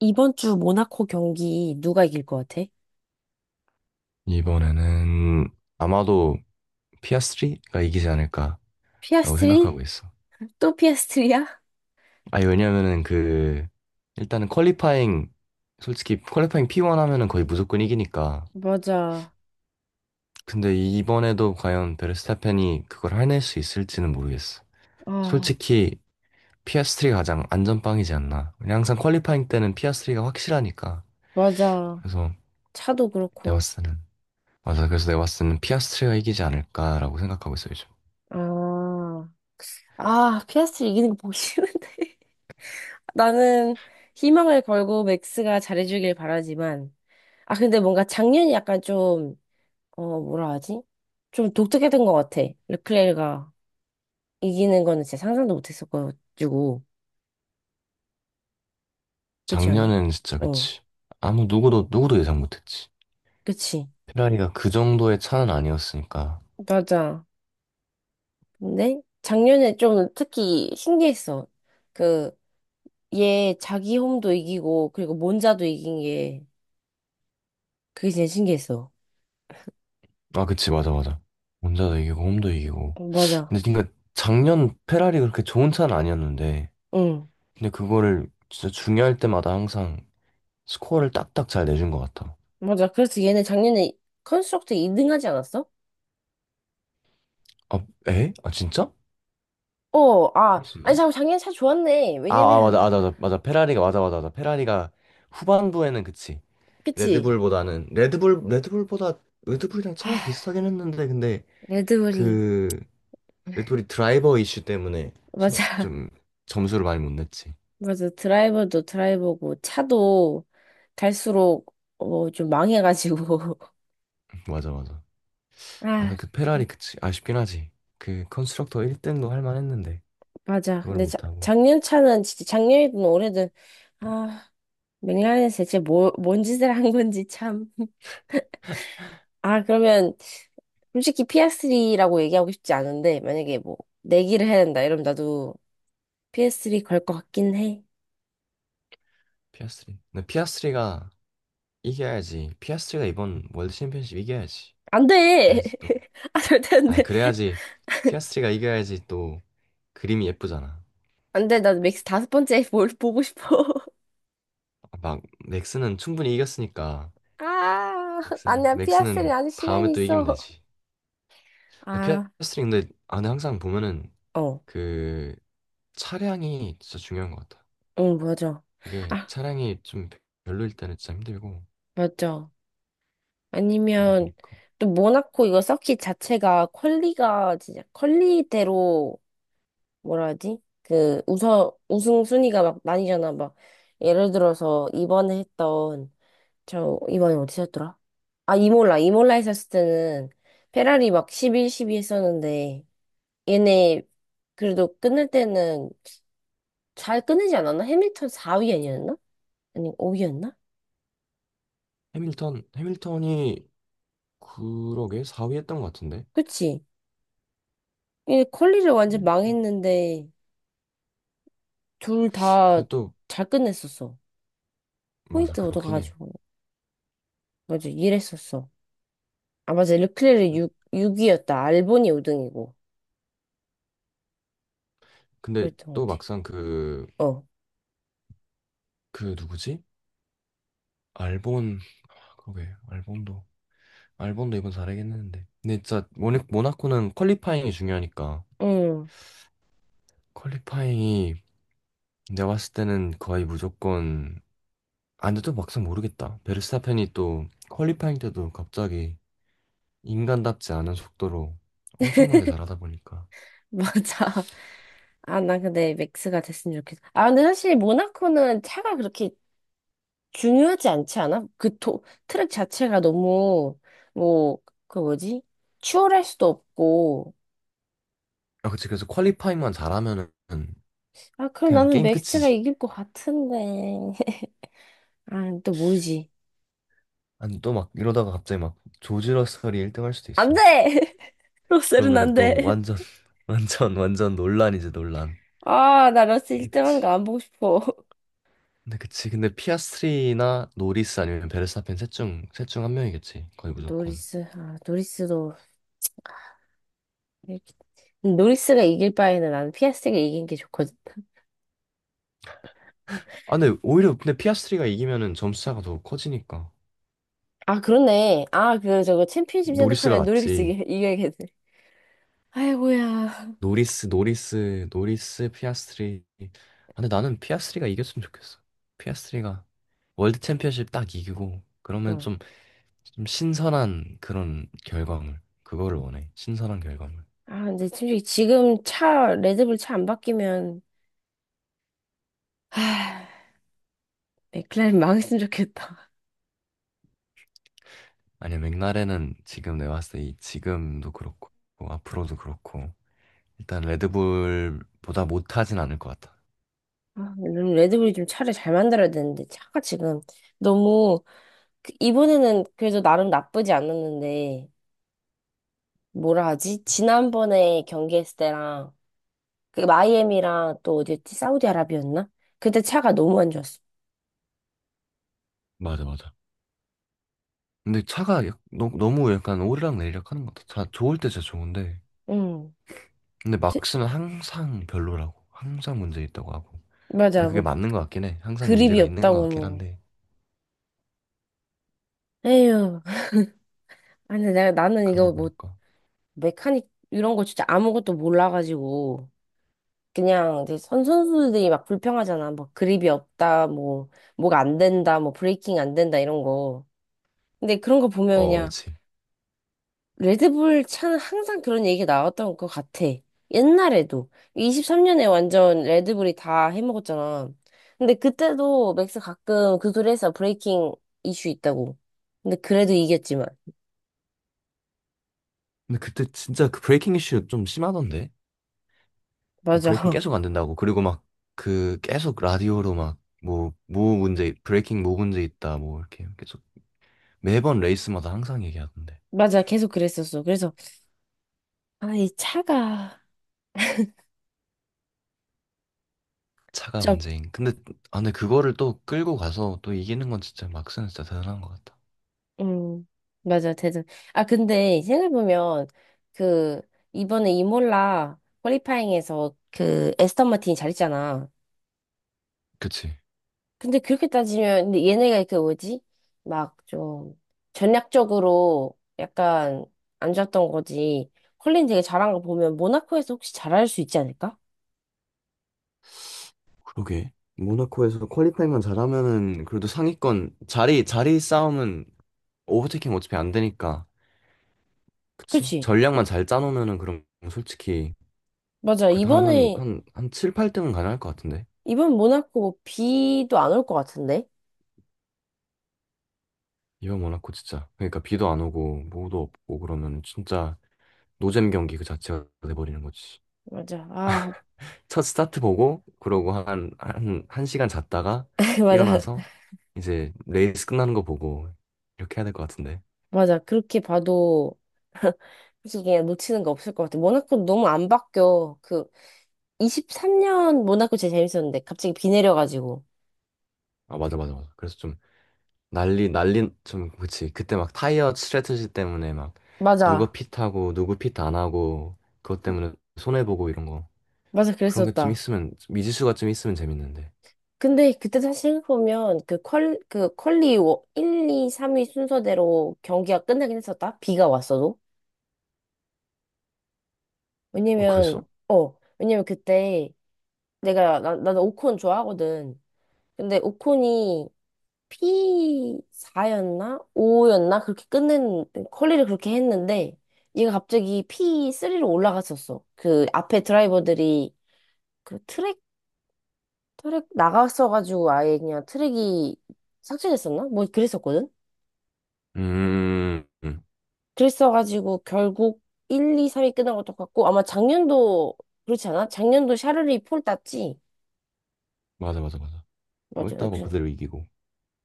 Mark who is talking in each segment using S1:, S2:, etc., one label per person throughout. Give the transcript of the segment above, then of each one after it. S1: 이번 주 모나코 경기 누가 이길 것 같아?
S2: 이번에는 아마도 피아스트리가 이기지 않을까라고
S1: 피아스트리?
S2: 생각하고 있어.
S1: 또 피아스트리야?
S2: 아, 왜냐면은 그 일단은 퀄리파잉 P1 하면은 거의 무조건 이기니까.
S1: 맞아.
S2: 근데 이번에도 과연 베르스타펜이 그걸 해낼 수 있을지는 모르겠어.
S1: 아,
S2: 솔직히 피아스트리가 가장 안전빵이지 않나. 그냥 항상 퀄리파잉 때는 피아스트리가 확실하니까.
S1: 맞아.
S2: 그래서
S1: 차도
S2: 내가
S1: 그렇고.
S2: 봤을 때는, 맞아. 그래서 내가 봤을 때는 피아스트리가 이기지 않을까라고 생각하고 있어 요즘.
S1: 아, 아, 피아스트리 이기는 거 보기 싫은데. 나는 희망을 걸고 맥스가 잘해주길 바라지만. 아, 근데 뭔가 작년이 약간 좀, 어, 뭐라 하지? 좀 독특했던 것 같아. 르클레르가 이기는 거는 진짜 상상도 못 했었가지고. 그렇지 않아?
S2: 작년엔 진짜
S1: 어,
S2: 그치. 아무 누구도 예상 못했지.
S1: 그치.
S2: 페라리가 그 정도의 차는 아니었으니까.
S1: 맞아. 근데 작년에 좀 특히 신기했어. 그, 얘 자기 홈도 이기고, 그리고 몬자도 이긴 게, 그게 제일 신기했어.
S2: 아, 그치. 맞아, 맞아. 혼자도 이기고 홈도 이기고.
S1: 어, 맞아.
S2: 근데 그러니까 작년 페라리 그렇게 좋은 차는 아니었는데,
S1: 응.
S2: 근데 그거를 진짜 중요할 때마다 항상 스코어를 딱딱 잘 내준 것 같아.
S1: 맞아. 그래서 얘는 작년에 컨스트럭트 2등 하지 않았어?
S2: 아, 에? 아, 진짜?
S1: 어, 아. 아니,
S2: 그랬었나?
S1: 잠깐, 작년에 차 좋았네.
S2: 아,
S1: 왜냐면,
S2: 맞아 맞아 맞아 맞아. 페라리가 맞아 맞아 맞아. 페라리가 후반부에는, 그치.
S1: 그치?
S2: 레드불보다는 레드불 레드불보다 레드불이랑 차랑
S1: 하,
S2: 비슷하긴 했는데, 근데
S1: 레드불이.
S2: 그 우리 드라이버 이슈 때문에
S1: 맞아.
S2: 좀 점수를 많이 못 냈지.
S1: 맞아. 드라이버도 드라이버고, 차도 갈수록, 어, 좀 망해가지고.
S2: 맞아, 맞아. 아, 근데
S1: 아.
S2: 그 페라리 그치. 아쉽긴 하지. 그 컨스트럭터 1등도 할 만했는데
S1: 맞아.
S2: 그걸
S1: 근데 자,
S2: 못하고.
S1: 작년 차는 진짜 작년이든 올해든 아 맥라렌에서 대체 뭔 짓을 한 건지 참. 아 그러면 솔직히 PS3라고 얘기하고 싶지 않은데 만약에 뭐 내기를 해야 된다 이러면 나도 PS3 걸 것 같긴 해.
S2: 피아스트리. 근데 피아스트리가 이겨야지. 피아스트리가 이번 월드 챔피언십 이겨야지.
S1: 안 돼.
S2: 그래야지 또.
S1: 아 절대 안
S2: 아,
S1: 돼.
S2: 그래야지. 피아스트리가 이겨야지 또. 그림이 예쁘잖아.
S1: 안 돼. 나도 맥스 다섯 번째 뭘 보고 싶어.
S2: 아, 막 맥스는 충분히 이겼으니까,
S1: 아
S2: 맥스는
S1: 아니야 PS3
S2: 맥스는
S1: 아직 시간이
S2: 다음에 또
S1: 있어.
S2: 이기면 되지. 근데
S1: 아
S2: 피아스트리, 근데 아, 에 항상 보면은
S1: 어.
S2: 그 차량이 진짜 중요한 것 같아.
S1: 응 맞아.
S2: 그게
S1: 아
S2: 차량이 좀 별로일 때는 진짜 힘들고,
S1: 맞아.
S2: 그러다
S1: 아니면
S2: 보니까.
S1: 또 모나코 이거 서킷 자체가 퀄리가 진짜 퀄리대로 뭐라 하지? 그 우선 우승 순위가 막 나뉘잖아. 막 예를 들어서 이번에 했던 저 이번에 어디서 했더라? 아 이몰라 했었을 때는 페라리 막 11, 12 했었는데 얘네 그래도 끝낼 때는 잘 끝내지 않았나? 해밀턴 4위 아니었나? 아니 5위였나?
S2: 해밀턴이 그러게 4위 했던 것 같은데.
S1: 그치? 얘네 퀄리를 완전
S2: 해밀턴.
S1: 망했는데 둘 다
S2: 근데 또,
S1: 잘 끝냈었어.
S2: 맞아,
S1: 포인트
S2: 그렇긴 해.
S1: 얻어가지고. 맞아, 일했었어. 아, 맞아. 르클레르 6위였다. 알보니 5등이고.
S2: 근데
S1: 그랬던 것
S2: 또
S1: 같아.
S2: 막상 그
S1: 어.
S2: 그 누구지? 알본, 아, 그러게 알본도 이번 잘하긴 했는데. 근데 진짜 모나코는 퀄리파잉이 중요하니까.
S1: 응,
S2: 퀄리파잉이 내가 봤을 때는 거의 무조건. 아, 근데 또 막상 모르겠다. 베르스타펜이 또 퀄리파잉 때도 갑자기 인간답지 않은 속도로 엄청나게 잘하다 보니까.
S1: 맞아. 아, 난 근데 맥스가 됐으면 좋겠어. 아, 근데 사실 모나코는 차가 그렇게 중요하지 않지 않아? 트랙 자체가 너무, 뭐, 그 뭐지? 추월할 수도 없고.
S2: 아, 그치. 그래서 퀄리파잉만 잘하면은
S1: 아, 그럼
S2: 그냥
S1: 나는
S2: 게임
S1: 맥스가
S2: 끝이지.
S1: 이길 것 같은데. 아, 또 모르지.
S2: 아니, 또 막 이러다가 갑자기 막 조지 러셀이 1등 할 수도
S1: 안 돼!
S2: 있어.
S1: 로셀은
S2: 그러면은
S1: 안 돼.
S2: 또 완전, 완전, 완전 논란이지, 논란.
S1: 아, 나 러셀
S2: 근데
S1: 1등 하는 거
S2: 그치.
S1: 안 보고 싶어.
S2: 근데 그치. 근데 피아스트리나 노리스 아니면 베르스타펜 셋 중 한 명이겠지. 거의 무조건.
S1: 노리스, 아, 노리스도, 이렇게- 노리스가 이길 바에는 나는 피아스트가 이긴 게 좋거든.
S2: 아, 근데 오히려 근데 피아스트리가 이기면은 점수 차가 더 커지니까.
S1: 아, 그렇네. 아, 그, 저거 챔피언십
S2: 노리스가
S1: 생각하면
S2: 낫지.
S1: 이겨야겠네. 아이고야.
S2: 노리스, 노리스, 노리스, 피아스트리. 아, 근데 나는 피아스트리가 이겼으면 좋겠어. 피아스트리가 월드 챔피언십 딱 이기고 그러면
S1: 어.
S2: 좀 신선한 그런 결과물. 그거를 원해. 신선한 결과물.
S1: 아, 근데 솔직히 지금 레드불 차 안 바뀌면, 하, 맥클라렌 망했으면 좋겠다.
S2: 아니야, 맥라렌은 지금 내가 봤을 때이 지금도 그렇고 뭐 앞으로도 그렇고 일단 레드불보다 못하진 않을 것 같아.
S1: 아, 요즘 레드불이 좀 차를 잘 만들어야 되는데, 차가 지금 너무, 이번에는 그래도 나름 나쁘지 않았는데, 뭐라 하지? 지난번에 경기했을 때랑 그 마이애미랑 또 어디였지? 사우디아라비였나? 그때 차가 너무 안 좋았어.
S2: 맞아, 맞아. 근데 차가 너무 약간 오르락 내리락 하는 것 같아. 차 좋을 때 진짜 좋은데,
S1: 응.
S2: 근데 막
S1: 트-
S2: 쓰면 항상 별로라고. 항상 문제 있다고 하고.
S1: 맞아.
S2: 근데 그게
S1: 뭐
S2: 맞는 것 같긴 해. 항상
S1: 그립이
S2: 문제가 있는 것
S1: 없다고
S2: 같긴
S1: 뭐.
S2: 한데.
S1: 에휴. 아니 내가 나는
S2: 그러다
S1: 이거 뭐
S2: 보니까.
S1: 메카닉 이런 거 진짜 아무것도 몰라가지고 그냥 이제 선 선수들이 막 불평하잖아. 뭐 그립이 없다. 뭐가 안 된다. 뭐 브레이킹 안 된다 이런 거. 근데 그런 거 보면
S2: 어,
S1: 그냥
S2: 그치.
S1: 레드불 차는 항상 그런 얘기가 나왔던 것 같아. 옛날에도. 23년에 완전 레드불이 다 해먹었잖아. 근데 그때도 맥스 가끔 그 소리 해서 브레이킹 이슈 있다고. 근데 그래도 이겼지만.
S2: 근데 그때 진짜 그 브레이킹 이슈 좀 심하던데? 뭐
S1: 맞아.
S2: 브레이킹 계속 안 된다고. 그리고 막 그 계속 라디오로 막 뭐 문제, 브레이킹 뭐 문제 있다. 뭐 이렇게 계속 매번 레이스마다 항상 얘기하던데.
S1: 맞아. 계속 그랬었어. 그래서, 아, 이 차가,
S2: 차가
S1: 좀,
S2: 문제인. 근데, 아, 근데 그거를 또 끌고 가서 또 이기는 건 진짜 막스는 진짜 대단한 것 같다.
S1: 음, 맞아. 대단. 아, 근데 생각해보면, 그, 이번에 이몰라 퀄리파잉에서 그 에스턴 마틴이 잘했잖아.
S2: 그치.
S1: 근데 그렇게 따지면, 근데 얘네가 그 뭐지? 막 좀 전략적으로 약간 안 좋았던 거지. 컬린 되게 잘한 거 보면 모나코에서 혹시 잘할 수 있지 않을까?
S2: 그러게. 모나코에서 퀄리파이만 잘하면은 그래도 상위권 자리 싸움은, 오버테이킹 어차피 안 되니까. 그치?
S1: 그치?
S2: 전략만 잘 짜놓으면은 그럼 솔직히
S1: 맞아.
S2: 그 한, 한,
S1: 이번에,
S2: 한, 한 7, 8등은 가능할 것 같은데.
S1: 이번 모나코 뭐 비도 안 올 것 같은데?
S2: 이번 모나코 진짜. 그러니까 비도 안 오고 뭐도 없고 그러면 진짜 노잼 경기 그 자체가 돼버리는 거지.
S1: 맞아. 아,
S2: 첫 스타트 보고 그러고 한 시간 잤다가
S1: 맞아.
S2: 일어나서 이제 레이스 끝나는 거 보고 이렇게 해야 될 것 같은데.
S1: 맞아. 그렇게 봐도 솔직히 그냥 놓치는 거 없을 것 같아. 모나코 너무 안 바뀌어. 그 23년 모나코 제일 재밌었는데 갑자기 비 내려가지고.
S2: 아, 맞아, 맞아, 맞아. 그래서 좀 난리, 난리, 좀, 그치. 그때 막 타이어 스트래티지 때문에 막 누가
S1: 맞아.
S2: 핏하고 누구 핏 안 하고 그것 때문에 손해보고 이런 거.
S1: 맞아.
S2: 그런 게 좀
S1: 그랬었다.
S2: 있으면, 미지수가 좀 있으면 재밌는데.
S1: 근데 그때 다시 생각해보면 그 퀄리 1, 2, 3위 순서대로 경기가 끝나긴 했었다? 비가 왔어도?
S2: 어,
S1: 왜냐면,
S2: 그랬어?
S1: 어, 왜냐면 그때 나는 오콘 좋아하거든. 근데 오콘이 P4였나? 5였나? 그렇게 끝낸, 퀄리를 그렇게 했는데 얘가 갑자기 P3로 올라갔었어. 그 앞에 드라이버들이 그 트랙 나갔어가지고 아예 그냥 트랙이 삭제됐었나? 뭐 그랬었거든?
S2: 음, 음.
S1: 그랬어가지고 결국 1, 2, 3이 끝난 것도 같고 아마 작년도 그렇지 않아? 작년도 샤르리 폴 땄지?
S2: 맞아 맞아 맞아.
S1: 맞아.
S2: 헐다고
S1: 그래서
S2: 그대로 이기고.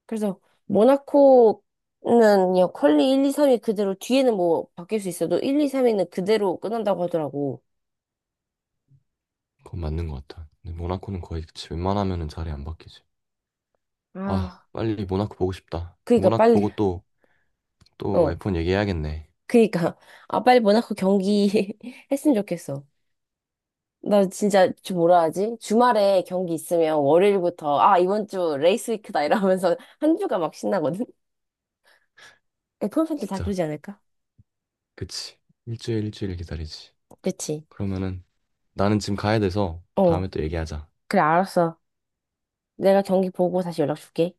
S1: 그래서 모나코는 그냥 퀄리 1, 2, 3이 그대로 뒤에는 뭐 바뀔 수 있어도 1, 2, 3위는 그대로 끝난다고 하더라고.
S2: 그건 맞는 것 같아. 근데 모나코는 거의 그치. 웬만하면은 자리 안 바뀌지. 아,
S1: 아,
S2: 빨리 모나코 보고 싶다.
S1: 그러니까
S2: 모나코
S1: 빨리
S2: 보고 또
S1: 어
S2: F1 얘기해야겠네.
S1: 그러니까 아 빨리 모나코 경기 했으면 좋겠어. 나 진짜 저 뭐라 하지? 주말에 경기 있으면 월요일부터 아 이번 주 레이스 위크다 이러면서 한 주가 막 신나거든. F1 팬들 다
S2: 진짜
S1: 그러지 않을까?
S2: 그치. 일주일 일주일 기다리지.
S1: 그치?
S2: 그러면은 나는 지금 가야 돼서
S1: 어.
S2: 다음에 또 얘기하자.
S1: 그래, 알았어. 내가 경기 보고 다시 연락 줄게.